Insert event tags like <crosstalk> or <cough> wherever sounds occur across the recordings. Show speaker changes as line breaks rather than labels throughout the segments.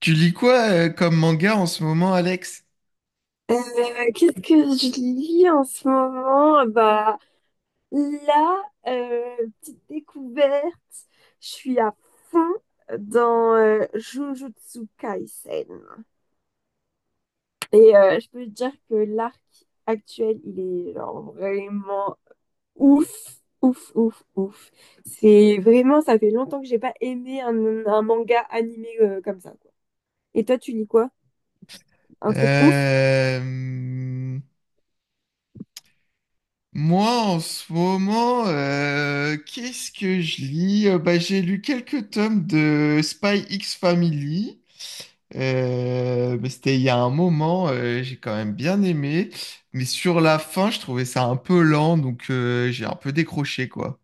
Tu lis quoi comme manga en ce moment, Alex?
Euh, Qu'est-ce que je lis en ce moment? Bah là, petite découverte, je suis à fond dans Jujutsu Kaisen. Et je peux te dire que l'arc actuel, il est genre vraiment ouf, ouf, ouf, ouf. C'est vraiment, ça fait longtemps que j'ai pas aimé un manga animé comme ça, quoi. Et toi, tu lis quoi? Un truc ouf.
Euh, hum, Moi, en ce moment, qu'est-ce que je lis? J'ai lu quelques tomes de Spy X Family. Mais c'était il y a un moment, j'ai quand même bien aimé. Mais sur la fin, je trouvais ça un peu lent, donc j'ai un peu décroché, quoi.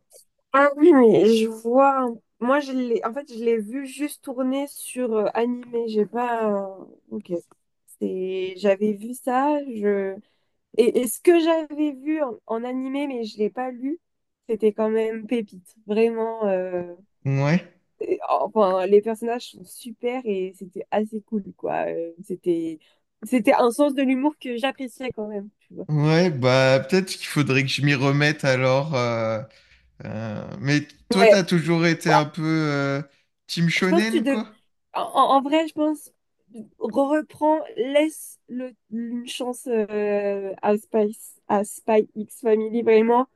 Ah oui, mais je vois. Moi, en fait, je l'ai vu juste tourner sur animé. J'ai pas. Ok. J'avais vu ça. Et ce que j'avais vu en animé, mais je l'ai pas lu, c'était quand même pépite. Vraiment,
Ouais.
enfin, les personnages sont super et c'était assez cool, quoi. C'était un sens de l'humour que j'appréciais quand même, tu vois.
Ouais, bah peut-être qu'il faudrait que je m'y remette alors. Mais toi, t'as
Ouais,
toujours été un peu team
je pense que tu
shonen,
dev...
quoi?
en vrai, je pense, re- reprends, laisse le, une chance à Spy X Family, vraiment.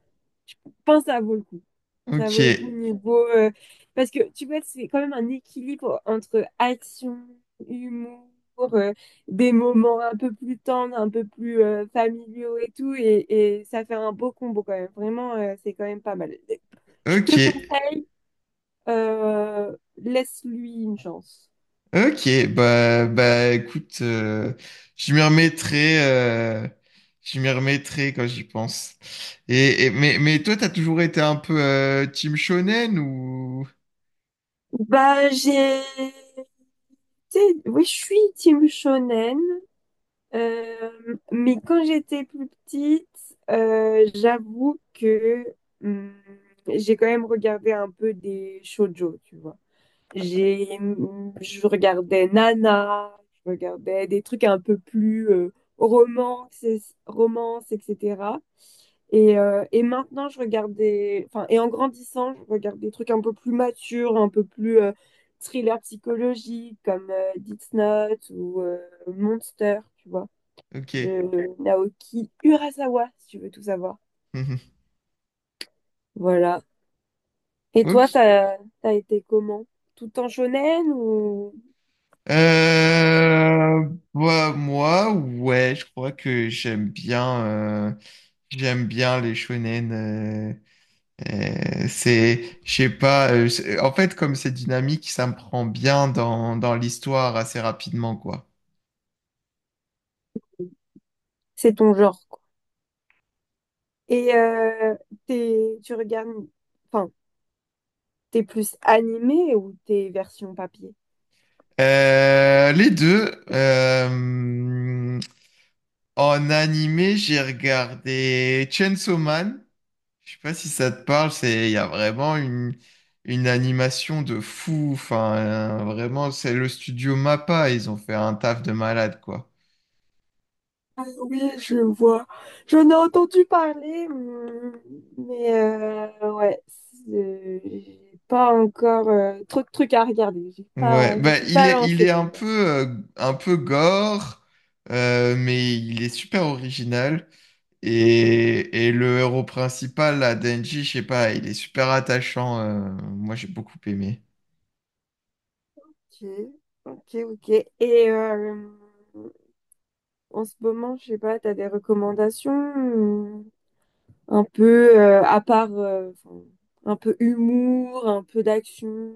Je pense que ça vaut le coup. Ça
Ok,
vaut le coup niveau parce que tu vois, c'est quand même un équilibre entre action, humour, euh, des moments un peu plus tendres, un peu plus familiaux et tout, et ça fait un beau combo quand même. Vraiment, c'est quand même pas mal. Je
ok,
te conseille, laisse-lui une chance.
ok. Bah, écoute, je m'y remettrai, euh, je m'y remettrai quand j'y pense. Mais toi, t'as toujours été un peu team shonen ou?
Bah, j'ai été... Oui, je suis team shonen. Mais quand j'étais plus petite, j'avoue que hum, j'ai quand même regardé un peu des shoujo, tu vois. Je regardais Nana, je regardais des trucs un peu plus romance, romance, etc. Et maintenant, Enfin, et en grandissant, je regarde des trucs un peu plus matures, un peu plus thriller psychologique, comme Death Note ou Monster, tu vois
Ok. <laughs>
de Naoki Urasawa, si tu veux tout savoir.
Mhm.
Voilà. Et toi,
Ok.
ça t'as été comment? Tout en shonen ou
Euh, Bah, moi, ouais, je crois que j'aime bien les shonen. C'est, je sais pas, en fait, comme c'est dynamique, ça me prend bien dans l'histoire assez rapidement, quoi.
c'est ton genre, quoi? Et tu regardes, enfin, t'es plus animé ou t'es version papier?
Les deux, en animé, j'ai regardé Chainsaw Man. Je sais pas si ça te parle, c'est, il y a une animation de fou. Enfin, vraiment, c'est le studio MAPPA, ils ont fait un taf de malade, quoi.
Ah oui, je vois. J'en ai entendu parler, mais j'ai pas encore trop de trucs à regarder. J'ai
Ouais,
pas, je me
bah,
suis pas
il est
lancée.
un peu gore, mais il est super original. Et le héros principal, là, Denji, je sais pas, il est super attachant. Moi, j'ai beaucoup aimé.
Ok, ok, ok. Et en ce moment, je sais pas, t'as des recommandations euh, un peu à part enfin, un peu humour, un peu d'action,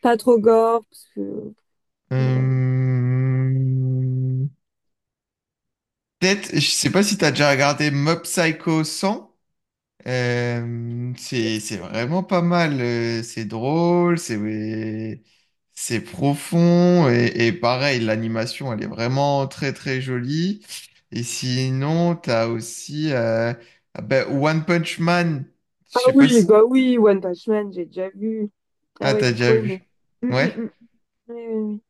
pas trop gore parce que voilà.
Euh, Peut-être, je sais pas si t'as déjà regardé Mob Psycho 100. C'est vraiment pas mal. C'est drôle, c'est ouais, c'est profond et pareil, l'animation, elle est vraiment très très jolie. Et sinon, t'as aussi ah ben, One Punch Man. Je
Ah
sais pas
oui,
si...
bah oui, One Punch Man, j'ai déjà vu. Ah
Ah,
ouais,
t'as
j'ai
déjà
trop aimé.
vu.
Mm, mm,
Ouais.
mm. Oui, oui, oui.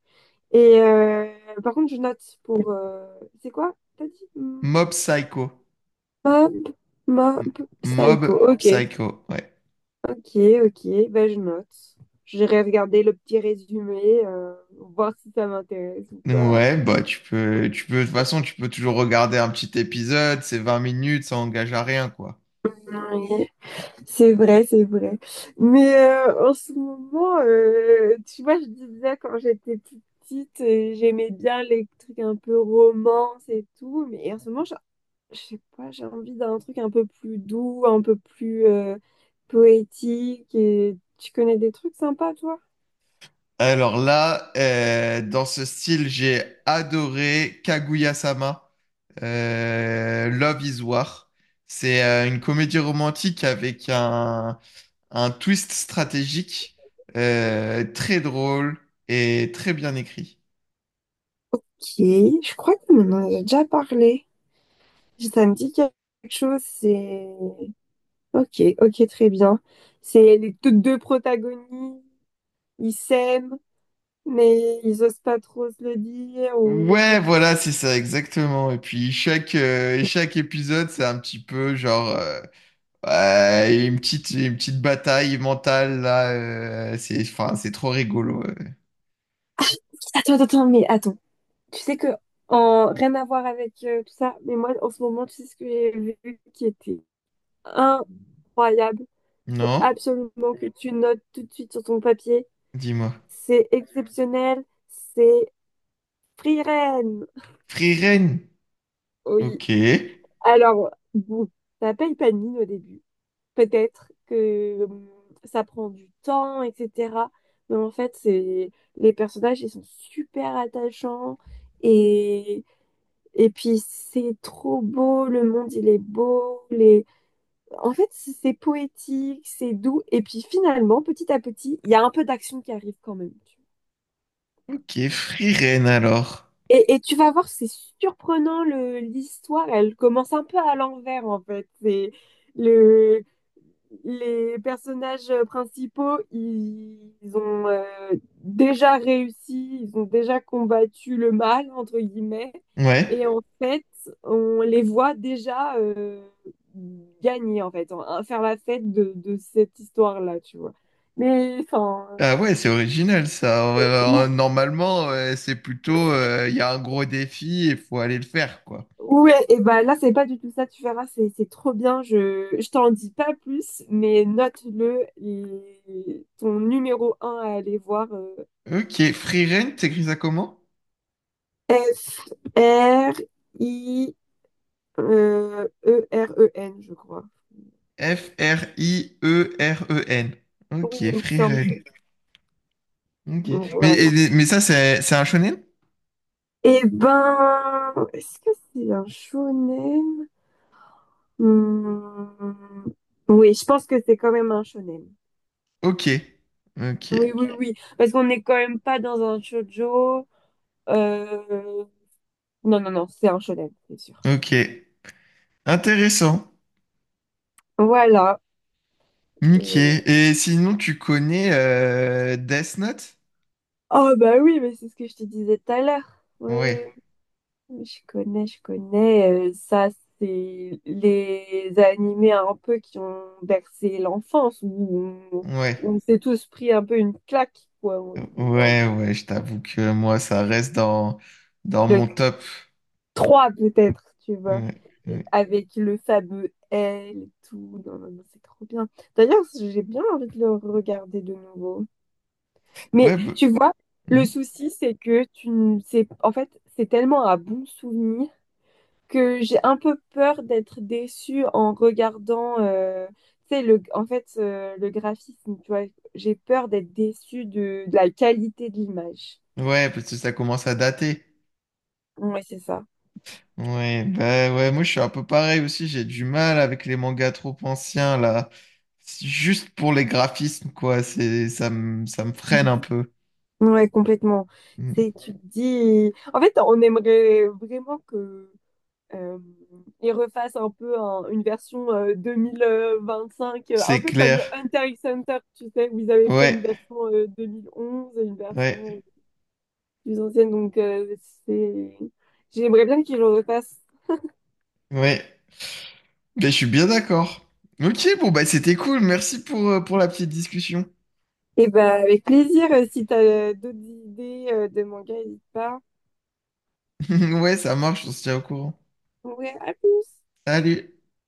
Et par contre, je note pour c'est quoi? T'as dit?
Mob Psycho.
Mob,
M-
Mob
Mob
Psycho. Ok.
Psycho, ouais.
Ok, ok, ben je note. J'irai regarder le petit résumé, voir si ça m'intéresse ou pas.
Ouais, bah de toute façon, tu peux toujours regarder un petit épisode, c'est 20 minutes, ça engage à rien, quoi.
Oui, c'est vrai, c'est vrai. Mais en ce moment, tu vois, je disais quand j'étais plus petite, j'aimais bien les trucs un peu romance et tout, mais en ce moment, je sais pas, j'ai envie d'un truc un peu plus doux, un peu plus poétique. Et tu connais des trucs sympas, toi?
Alors là, dans ce style, j'ai adoré Kaguya-sama, Love is War. C'est une comédie romantique avec un twist stratégique très drôle et très bien écrit.
Ok, je crois que maintenant, on en a déjà parlé. Ça me dit quelque chose, c'est... Ok, ok, très bien. C'est les toutes deux protagonistes, ils s'aiment, mais ils osent pas trop se le dire. Ou...
Ouais, voilà, c'est ça, exactement. Et puis chaque épisode, c'est un petit peu genre ouais, une petite bataille mentale là. C'est, enfin, c'est trop rigolo.
Attends, attends, attends, mais attends. Tu sais que, en... Rien à voir avec tout ça, mais moi, en ce moment, tu sais ce que j'ai vu qui était incroyable. Il faut
Non?
absolument que tu notes tout de suite sur ton papier.
Dis-moi.
C'est exceptionnel, c'est Free Ren.
Frieren.
Oui,
Ok.
alors, bon, ça paye pas de mine au début. Peut-être que ça prend du temps, etc. Mais en fait, c'est les personnages, ils sont super attachants et et puis c'est trop beau, le monde il est beau, c'est poétique, c'est doux et puis finalement, petit à petit, il y a un peu d'action qui arrive quand même.
Ok, Frieren alors.
Et tu vas voir, c'est surprenant le l'histoire, elle commence un peu à l'envers en fait. C'est le Les personnages principaux, ils ont déjà réussi, ils ont déjà combattu le mal, entre guillemets,
Ouais.
et en fait, on les voit déjà gagner, en fait, faire la fête de cette histoire-là, tu vois. Mais, enfin,
Ah ouais, c'est original ça. Ouais,
et-
alors, normalement, ouais, c'est plutôt, il y a un gros défi et il faut aller le faire, quoi.
ouais, et bah là, c'est pas du tout ça, tu verras, c'est trop bien, je t'en dis pas plus, mais note-le, et ton numéro un à aller voir,
Ok, Frieren, t'écris ça comment?
F R I E R E N, je crois.
F-R-I-E-R-E-N. Ok,
Oui, il me semble.
Frieren. Ok. Mais,
Voilà.
et- mais ça, c'est un shonen?
Eh ben, est-ce que c'est un shonen? Hmm, Oui, je pense que c'est quand même un shonen.
Ok. Ok.
Oui, oui, oui. Parce qu'on n'est quand même pas dans un shoujo. Euh... Non, non, non, c'est un shonen, c'est sûr.
Ok. Intéressant.
Voilà.
Ok.
Et-
Et sinon, tu connais Death Note?
Oh, bah oui, mais c'est ce que je te disais tout à l'heure. Oui,
Ouais.
oui, je connais, je connais. Ça, c'est les animés un peu qui ont bercé l'enfance, on,
Ouais.
où on s'est tous pris un peu une claque, quoi, en se disant.
Ouais, ouais, je t'avoue que moi, ça reste dans
Le
mon top.
3, peut-être, tu vois.
Ouais,
Et
ouais,
avec le fameux L et tout. Non, non, non, c'est trop bien. D'ailleurs, j'ai bien envie de le regarder de nouveau. Mais
ouais, bah,
tu vois, le
hmm.
souci, c'est que tu ne sais. En fait, c'est tellement un bon souvenir que j'ai un peu peur d'être déçue en regardant, tu sais, le graphisme, tu vois, j'ai peur d'être déçue de la qualité de l'image.
Ouais, parce que ça commence à dater.
Ouais, c'est ça.
Ouais, bah ouais, moi je suis un peu pareil aussi, j'ai du mal avec les mangas trop anciens là. C'est juste pour les graphismes, quoi, c'est, ça me freine un peu.
Ouais, complètement.
Hmm.
C'est, tu te dis, en fait, on aimerait vraiment que euh, ils refassent un peu une version 2025, un
C'est
peu comme
clair.
Hunter x Hunter, tu sais, où ils avaient fait
Ouais,
une version 2011 et une
ouais,
version plus ancienne, donc c'est... j'aimerais bien qu'ils le refassent.
ouais. Mais je suis bien d'accord. Ok, bon, bah c'était cool, merci pour la petite discussion.
Et bah avec plaisir, si t'as d'autres idées de manga, n'hésite pas.
<laughs> Ouais, ça marche, on se tient au courant.
Ouais, à plus!
Salut!